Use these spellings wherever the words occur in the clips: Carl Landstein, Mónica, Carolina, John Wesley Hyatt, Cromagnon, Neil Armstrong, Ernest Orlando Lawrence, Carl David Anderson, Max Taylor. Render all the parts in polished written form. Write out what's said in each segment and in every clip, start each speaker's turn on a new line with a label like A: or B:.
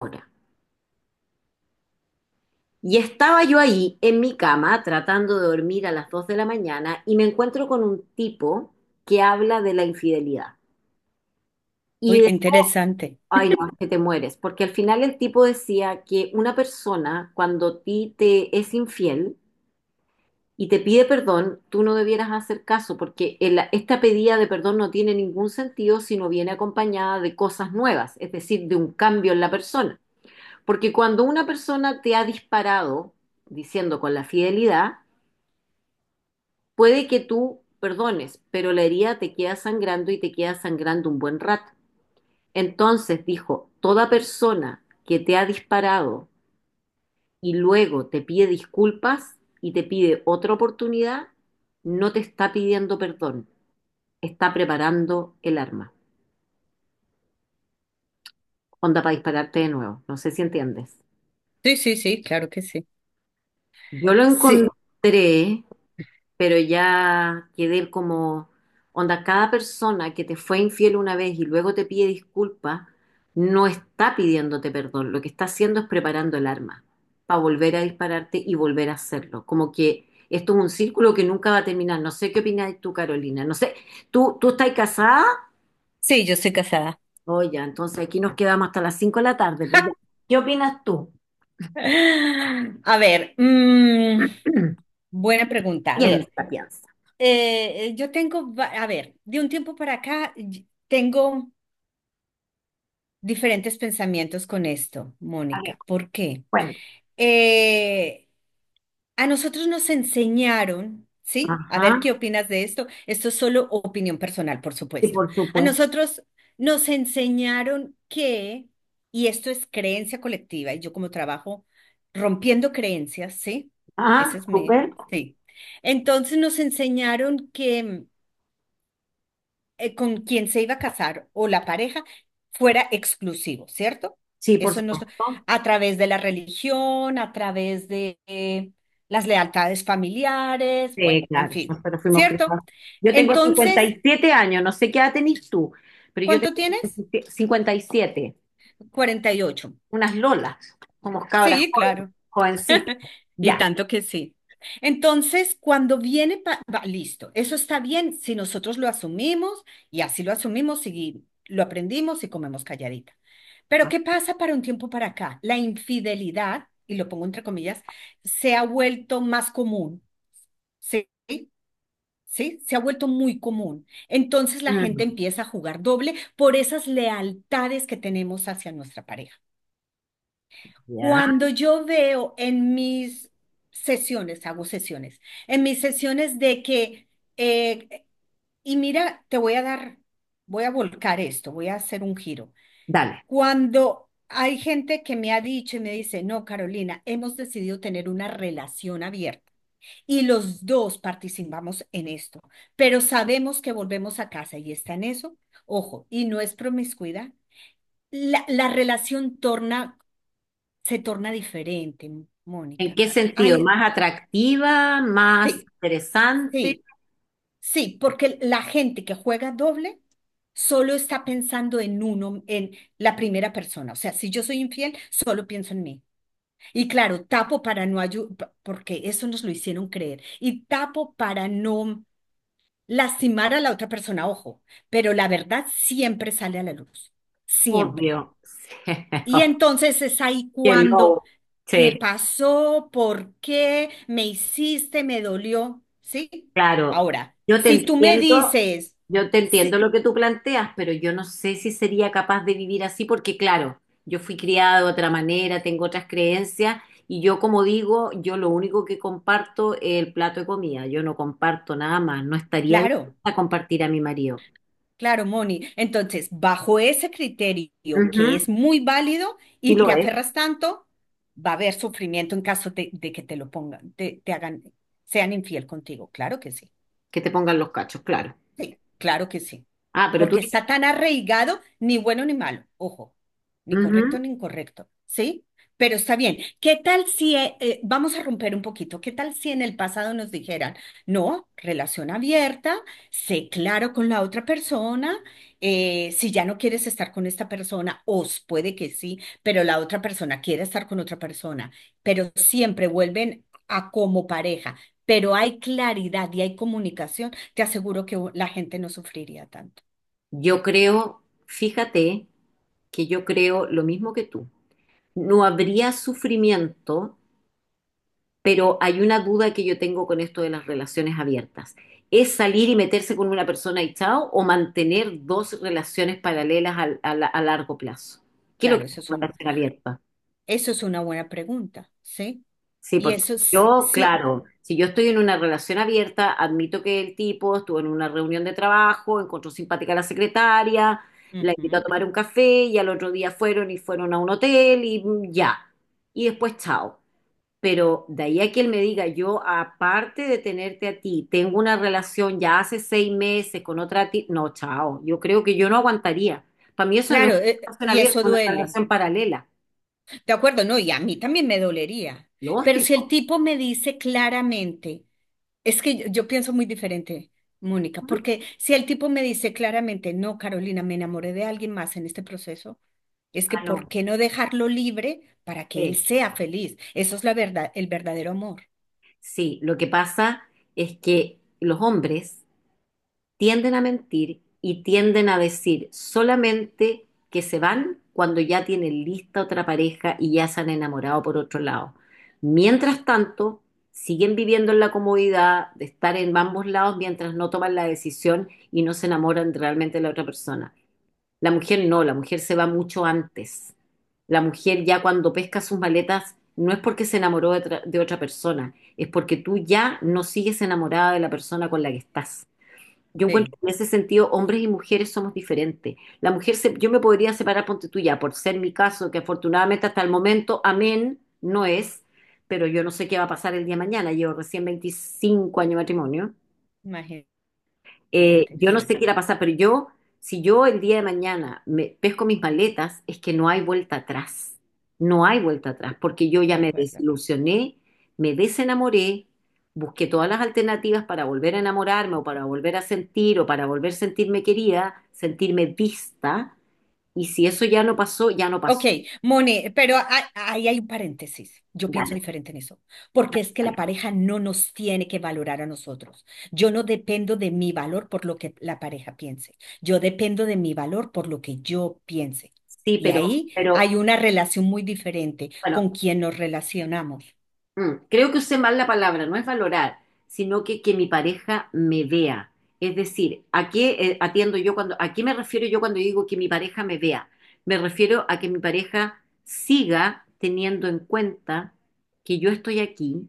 A: Hora. Y estaba yo ahí en mi cama tratando de dormir a las 2 de la mañana y me encuentro con un tipo que habla de la infidelidad.
B: Uy,
A: Y de,
B: qué interesante.
A: ay no, es que te mueres, porque al final el tipo decía que una persona cuando a ti te es infiel y te pide perdón, tú no debieras hacer caso porque esta pedida de perdón no tiene ningún sentido si no viene acompañada de cosas nuevas, es decir, de un cambio en la persona. Porque cuando una persona te ha disparado diciendo con la fidelidad, puede que tú perdones, pero la herida te queda sangrando y te queda sangrando un buen rato. Entonces dijo, toda persona que te ha disparado y luego te pide disculpas y te pide otra oportunidad, no te está pidiendo perdón, está preparando el arma. Onda para dispararte de nuevo. No sé si entiendes.
B: Sí, sí, sí, claro que sí.
A: Yo lo
B: Sí,
A: encontré, pero ya quedé como, onda, cada persona que te fue infiel una vez y luego te pide disculpas, no está pidiéndote perdón, lo que está haciendo es preparando el arma para volver a dispararte y volver a hacerlo. Como que esto es un círculo que nunca va a terminar. No sé qué opinas tú, Carolina. No sé, ¿tú estás casada?
B: sí, yo estoy casada.
A: Oye, entonces aquí nos quedamos hasta las 5 de la tarde. Pues ya. ¿Qué opinas tú?
B: A ver, buena pregunta. A ver,
A: Piensa, piensa.
B: yo tengo, a ver, de un tiempo para acá tengo diferentes pensamientos con esto,
A: A ver,
B: Mónica. ¿Por qué?
A: bueno,
B: Eh, a nosotros nos enseñaron, ¿sí? A
A: ajá,
B: ver qué opinas de esto. Esto es solo opinión personal, por
A: sí,
B: supuesto.
A: por
B: A
A: supuesto.
B: nosotros nos enseñaron que, y esto es creencia colectiva, y yo como trabajo rompiendo creencias, ¿sí?
A: Ajá,
B: Ese es mi,
A: súper.
B: sí. Entonces nos enseñaron que con quien se iba a casar o la pareja fuera exclusivo, ¿cierto?
A: Sí, por
B: Eso no,
A: supuesto.
B: a través de la religión, a través de las lealtades familiares, bueno,
A: Sí,
B: en
A: claro,
B: fin,
A: nosotros fuimos criados.
B: ¿cierto?
A: Yo tengo cincuenta
B: Entonces,
A: y siete años, no sé qué edad tenés tú, pero yo
B: ¿cuánto
A: tengo
B: tienes?
A: 57,
B: 48.
A: unas lolas, como cabras
B: Sí,
A: jóvenes,
B: claro.
A: jovencitas.
B: Y
A: Ya.
B: tanto que sí. Entonces, cuando viene, va, listo, eso está bien si nosotros lo asumimos y así lo asumimos y lo aprendimos y comemos calladita. Pero ¿qué pasa para un tiempo para acá? La infidelidad, y lo pongo entre comillas, se ha vuelto más común, ¿sí? ¿Sí? Se ha vuelto muy común. Entonces la gente
A: Mm,
B: empieza a jugar doble por esas lealtades que tenemos hacia nuestra pareja.
A: ya.
B: Cuando yo veo en mis sesiones, hago sesiones, en mis sesiones de que, eh, y mira, te voy a dar, voy a volcar esto, voy a hacer un giro.
A: Dale.
B: Cuando hay gente que me ha dicho y me dice, no, Carolina, hemos decidido tener una relación abierta y los dos participamos en esto, pero sabemos que volvemos a casa y está en eso, ojo, y no es promiscuidad. La relación torna se torna diferente,
A: ¿En
B: Mónica.
A: qué sentido?
B: Hay,
A: ¿Más atractiva? ¿Más
B: sí,
A: interesante?
B: sí, sí, porque la gente que juega doble solo está pensando en uno, en la primera persona. O sea, si yo soy infiel, solo pienso en mí. Y claro, tapo para no ayudar, porque eso nos lo hicieron creer. Y tapo para no lastimar a la otra persona, ojo, pero la verdad siempre sale a la luz. Siempre.
A: Obvio.
B: Y entonces es ahí
A: Sí, qué
B: cuando,
A: lobo.
B: ¿qué
A: Sí,
B: pasó? ¿Por qué? ¿Me hiciste? ¿Me dolió? ¿Sí?
A: claro,
B: Ahora,
A: yo te
B: si tú me
A: entiendo,
B: dices,
A: yo te entiendo
B: sí,
A: lo que tú planteas, pero yo no sé si sería capaz de vivir así porque, claro, yo fui criada de otra manera, tengo otras creencias y yo, como digo, yo lo único que comparto es el plato de comida, yo no comparto nada más, no estaría
B: claro,
A: dispuesta a compartir a mi marido.
B: claro, Moni, entonces, bajo ese criterio que
A: Ujú,
B: es muy válido
A: sí
B: y
A: lo
B: te
A: es,
B: aferras tanto, va a haber sufrimiento en caso de que te lo pongan, te hagan, sean infiel contigo, claro que sí.
A: que te pongan los cachos, claro.
B: Claro que sí,
A: Ah, pero tú
B: porque
A: dices,
B: está tan arraigado, ni bueno ni malo, ojo, ni correcto
A: ujú,
B: ni incorrecto, ¿sí? Pero está bien. ¿Qué tal si, vamos a romper un poquito, qué tal si en el pasado nos dijeran, no, relación abierta, sé claro con la otra persona, si ya no quieres estar con esta persona, os puede que sí, pero la otra persona quiere estar con otra persona, pero siempre vuelven a como pareja, pero hay claridad y hay comunicación te aseguro que la gente no sufriría tanto.
A: yo creo, fíjate que yo creo lo mismo que tú. No habría sufrimiento, pero hay una duda que yo tengo con esto de las relaciones abiertas. ¿Es salir y meterse con una persona y chao o mantener dos relaciones paralelas a, a largo plazo? ¿Qué es lo
B: Claro,
A: que es una relación abierta?
B: eso es una buena pregunta, ¿sí?
A: Sí,
B: Y
A: porque
B: eso sí,
A: yo,
B: sí,
A: claro, si yo estoy en una relación abierta, admito que el tipo estuvo en una reunión de trabajo, encontró simpática a la secretaria, la invitó a
B: ujú.
A: tomar un café y al otro día fueron y fueron a un hotel y ya. Y después chao. Pero de ahí a que él me diga, yo aparte de tenerte a ti, tengo una relación ya hace 6 meses con otra ti, no, chao, yo creo que yo no aguantaría. Para mí eso no es
B: Claro,
A: una relación
B: y
A: abierta,
B: eso
A: es una
B: duele.
A: relación paralela.
B: De acuerdo, no, y a mí también me dolería. Pero si el
A: Lógico.
B: tipo me dice claramente, es que yo pienso muy diferente, Mónica, porque si el tipo me dice claramente, no, Carolina, me enamoré de alguien más en este proceso, es que
A: Ah,
B: ¿por
A: no.
B: qué no dejarlo libre para que él
A: Eh,
B: sea feliz? Eso es la verdad, el verdadero amor.
A: sí, lo que pasa es que los hombres tienden a mentir y tienden a decir solamente que se van cuando ya tienen lista otra pareja y ya se han enamorado por otro lado. Mientras tanto, siguen viviendo en la comodidad de estar en ambos lados mientras no toman la decisión y no se enamoran realmente de la otra persona. La mujer no, la mujer se va mucho antes. La mujer ya cuando pesca sus maletas no es porque se enamoró de, de otra persona, es porque tú ya no sigues enamorada de la persona con la que estás. Yo encuentro
B: Sí,
A: que en ese sentido hombres y mujeres somos diferentes. La mujer, yo me podría separar, ponte tú ya, por ser mi caso, que afortunadamente hasta el momento, amén, no es, pero yo no sé qué va a pasar el día de mañana. Llevo recién 25 años de matrimonio.
B: imagínate. Imagínate,
A: Yo no sé
B: sí,
A: qué irá a pasar, pero yo, si yo el día de mañana me pesco mis maletas, es que no hay vuelta atrás. No hay vuelta atrás, porque yo
B: de
A: ya me
B: acuerdo.
A: desilusioné, me desenamoré, busqué todas las alternativas para volver a enamorarme o para volver a sentir o para volver a sentirme querida, sentirme vista, y si eso ya no pasó, ya no
B: Ok,
A: pasó.
B: Moni, pero ahí hay un paréntesis. Yo pienso
A: Dale,
B: diferente en eso, porque
A: dale,
B: es que la
A: dale.
B: pareja no nos tiene que valorar a nosotros. Yo no dependo de mi valor por lo que la pareja piense. Yo dependo de mi valor por lo que yo piense.
A: Sí,
B: Y
A: pero,
B: ahí
A: pero
B: hay una relación muy diferente
A: bueno,
B: con quien nos relacionamos.
A: Creo que usé mal la palabra, no es valorar, sino que mi pareja me vea. Es decir, ¿a qué atiendo yo cuando, a qué me refiero yo cuando digo que mi pareja me vea? Me refiero a que mi pareja siga teniendo en cuenta que yo estoy aquí,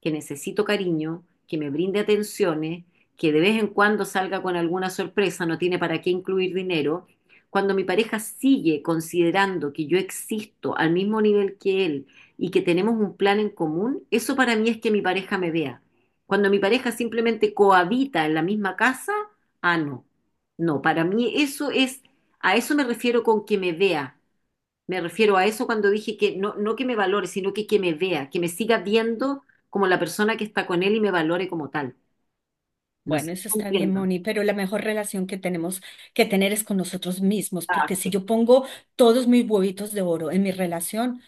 A: que necesito cariño, que me brinde atenciones, que de vez en cuando salga con alguna sorpresa, no tiene para qué incluir dinero. Cuando mi pareja sigue considerando que yo existo al mismo nivel que él, y que tenemos un plan en común, eso para mí es que mi pareja me vea. Cuando mi pareja simplemente cohabita en la misma casa, ah, no. No, para mí eso es, a eso me refiero con que me vea. Me refiero a eso cuando dije que no, no que me valore, sino que me vea, que me siga viendo como la persona que está con él y me valore como tal. No sé,
B: Bueno, eso
A: si
B: está bien,
A: entiendo.
B: Moni, pero la mejor relación que tenemos que tener es con nosotros mismos,
A: Ah,
B: porque si
A: sí.
B: yo pongo todos mis huevitos de oro en mi relación,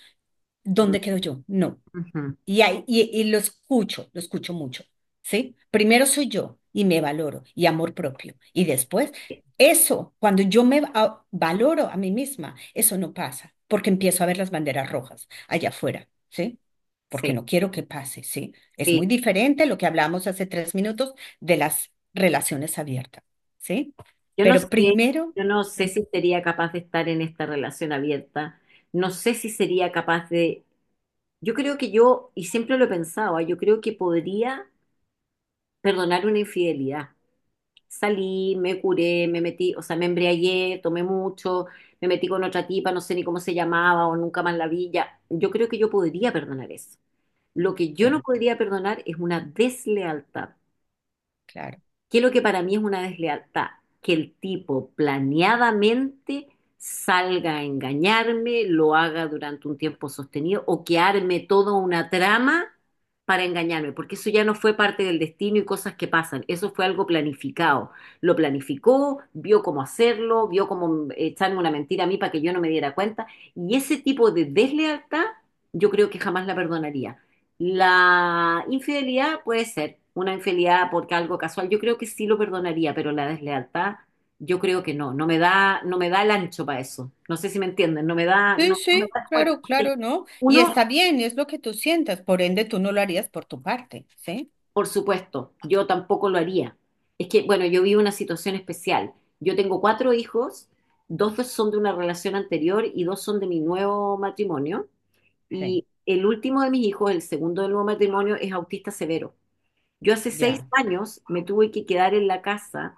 A: Mm,
B: ¿dónde quedo yo? No.
A: ujú.
B: Y lo escucho mucho, ¿sí? Primero soy yo y me valoro y amor propio. Y después,
A: Sí,
B: eso, cuando yo me valoro a mí misma, eso no pasa, porque empiezo a ver las banderas rojas allá afuera, ¿sí? Porque
A: sí,
B: no quiero que pase, ¿sí? Es
A: sí.
B: muy diferente lo que hablamos hace 3 minutos de las relaciones abiertas, ¿sí?
A: Yo no sé,
B: Pero primero,
A: yo no sé
B: ujú.
A: si sería capaz de estar en esta relación abierta. No sé si sería capaz de. Yo creo que yo, y siempre lo pensaba, yo creo que podría perdonar una infidelidad. Salí, me curé, me metí, o sea, me embriagué, tomé mucho, me metí con otra tipa, no sé ni cómo se llamaba o nunca más la vi. Ya. Yo creo que yo podría perdonar eso. Lo que yo no
B: Sí,
A: podría perdonar es una deslealtad.
B: claro.
A: ¿Qué es lo que para mí es una deslealtad? Que el tipo planeadamente salga a engañarme, lo haga durante un tiempo sostenido o que arme toda una trama para engañarme, porque eso ya no fue parte del destino y cosas que pasan, eso fue algo planificado. Lo planificó, vio cómo hacerlo, vio cómo echarme una mentira a mí para que yo no me diera cuenta y ese tipo de deslealtad yo creo que jamás la perdonaría. La infidelidad puede ser una infidelidad porque algo casual. Yo creo que sí lo perdonaría, pero la deslealtad, yo creo que no. No me da, no me da el ancho para eso. No sé si me entienden. No me da,
B: Sí,
A: no, no me
B: sí,
A: da el cuerpo.
B: claro,
A: Porque
B: claro, ¿no? Y
A: uno,
B: está bien, es lo que tú sientas, por ende tú no lo harías por tu parte, ¿sí?
A: por supuesto, yo tampoco lo haría. Es que, bueno, yo vivo una situación especial. Yo tengo cuatro hijos, dos son de una relación anterior y dos son de mi nuevo matrimonio.
B: Sí,
A: Y el último de mis hijos, el segundo del nuevo matrimonio, es autista severo. Yo hace seis
B: ya,
A: años me tuve que quedar en la casa,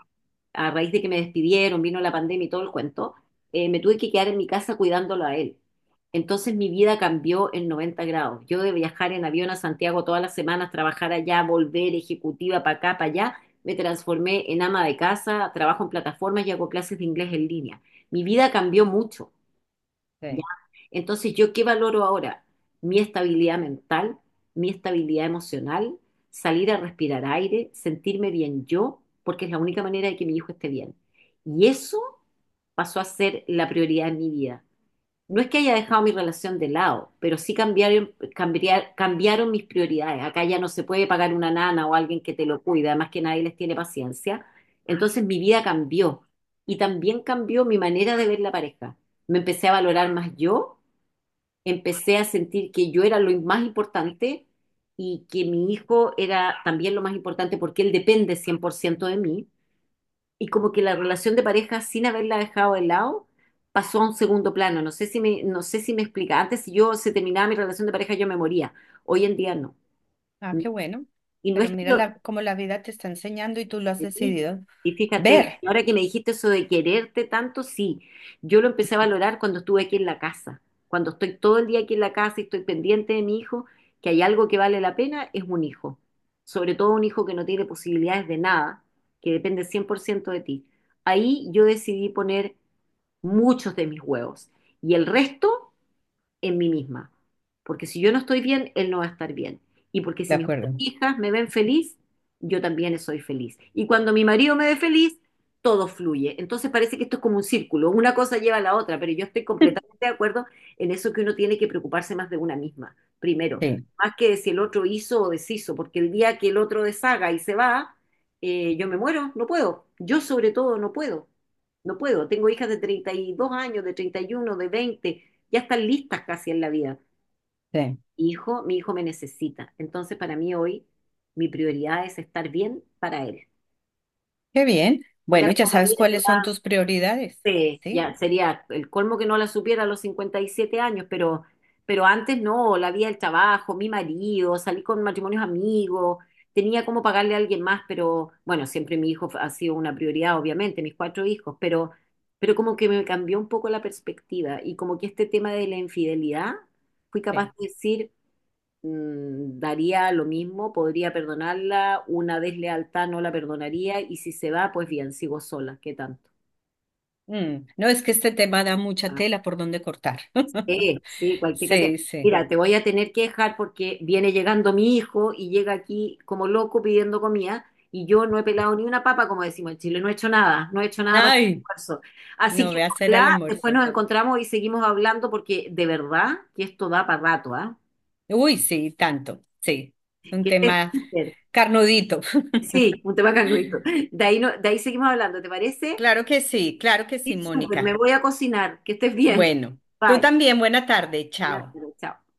A: a raíz de que me despidieron, vino la pandemia y todo el cuento, me tuve que quedar en mi casa cuidándolo a él. Entonces mi vida cambió en 90 grados. Yo de viajar en avión a Santiago todas las semanas, trabajar allá, volver ejecutiva para acá, para allá, me transformé en ama de casa, trabajo en plataformas y hago clases de inglés en línea. Mi vida cambió mucho. ¿Ya?
B: sí.
A: Entonces, ¿yo qué valoro ahora? Mi estabilidad mental, mi estabilidad emocional, salir a respirar aire, sentirme bien yo, porque es la única manera de que mi hijo esté bien. Y eso pasó a ser la prioridad en mi vida. No es que haya dejado mi relación de lado, pero sí cambiaron, cambiaron mis prioridades. Acá ya no se puede pagar una nana o alguien que te lo cuide, además que nadie les tiene paciencia. Entonces mi vida cambió y también cambió mi manera de ver la pareja. Me empecé a valorar más yo, empecé a sentir que yo era lo más importante y que mi hijo era también lo más importante porque él depende 100% de mí y como que la relación de pareja sin haberla dejado de lado pasó a un segundo plano. No sé si me explica. Antes si yo se terminaba mi relación de pareja yo me moría. Hoy en día no.
B: Ah, qué bueno.
A: Y no
B: Pero
A: es que
B: mira la, cómo la vida te está enseñando y tú lo has decidido
A: y fíjate,
B: ver,
A: ahora que me dijiste eso de quererte tanto, sí, yo lo empecé a valorar cuando estuve aquí en la casa. Cuando estoy todo el día aquí en la casa y estoy pendiente de mi hijo, que hay algo que vale la pena, es un hijo. Sobre todo un hijo que no tiene posibilidades de nada, que depende 100% de ti. Ahí yo decidí poner muchos de mis huevos. Y el resto en mí misma. Porque si yo no estoy bien, él no va a estar bien. Y porque
B: ¿de
A: si mis
B: acuerdo?
A: hijas me ven feliz, yo también soy feliz. Y cuando mi marido me ve feliz, todo fluye. Entonces parece que esto es como un círculo, una cosa lleva a la otra, pero yo estoy completamente de acuerdo en eso que uno tiene que preocuparse más de una misma, primero,
B: Sí,
A: más que de si el otro hizo o deshizo, porque el día que el otro deshaga y se va, yo me muero, no puedo. Yo sobre todo no puedo, no puedo. Tengo hijas de 32 años, de 31, de 20, ya están listas casi en la vida.
B: sí.
A: Hijo, mi hijo me necesita. Entonces, para mí hoy, mi prioridad es estar bien para él.
B: Qué bien.
A: Mira
B: Bueno, ya
A: cómo la
B: sabes
A: vida te
B: cuáles
A: va.
B: son tus prioridades,
A: eh,
B: ¿sí?
A: ya, sería el colmo que no la supiera a los 57 años, pero, antes no, la vida del trabajo, mi marido, salí con matrimonios amigos, tenía cómo pagarle a alguien más, pero bueno, siempre mi hijo ha sido una prioridad, obviamente, mis cuatro hijos, pero como que me cambió un poco la perspectiva y como que este tema de la infidelidad, fui capaz
B: Sí.
A: de decir, mm, daría lo mismo, podría perdonarla, una deslealtad no la perdonaría y si se va, pues bien, sigo sola, ¿qué tanto?
B: Mm, no es que este tema da mucha
A: Ah,
B: tela por donde cortar.
A: sí, cualquier cantidad.
B: Sí, sí.
A: Mira, te voy a tener que dejar porque viene llegando mi hijo y llega aquí como loco pidiendo comida y yo no he pelado ni una papa, como decimos en Chile, no he hecho nada, no he hecho nada para el
B: Ay,
A: almuerzo. Así
B: no
A: que
B: ve a hacer al
A: ojalá después
B: almuerzo.
A: nos encontramos y seguimos hablando porque de verdad que esto da para rato, ¿ah?
B: Uy, sí, tanto, sí. Es
A: Que
B: un
A: estés
B: tema
A: súper.
B: carnudito.
A: Sí, un tema canguito. De ahí, no, de ahí seguimos hablando, ¿te parece?
B: Claro que sí,
A: Sí, súper, me
B: Mónica.
A: voy a cocinar. Que estés bien.
B: Bueno, tú
A: Bye.
B: también, buena tarde,
A: Buenas
B: chao.
A: tardes, chao.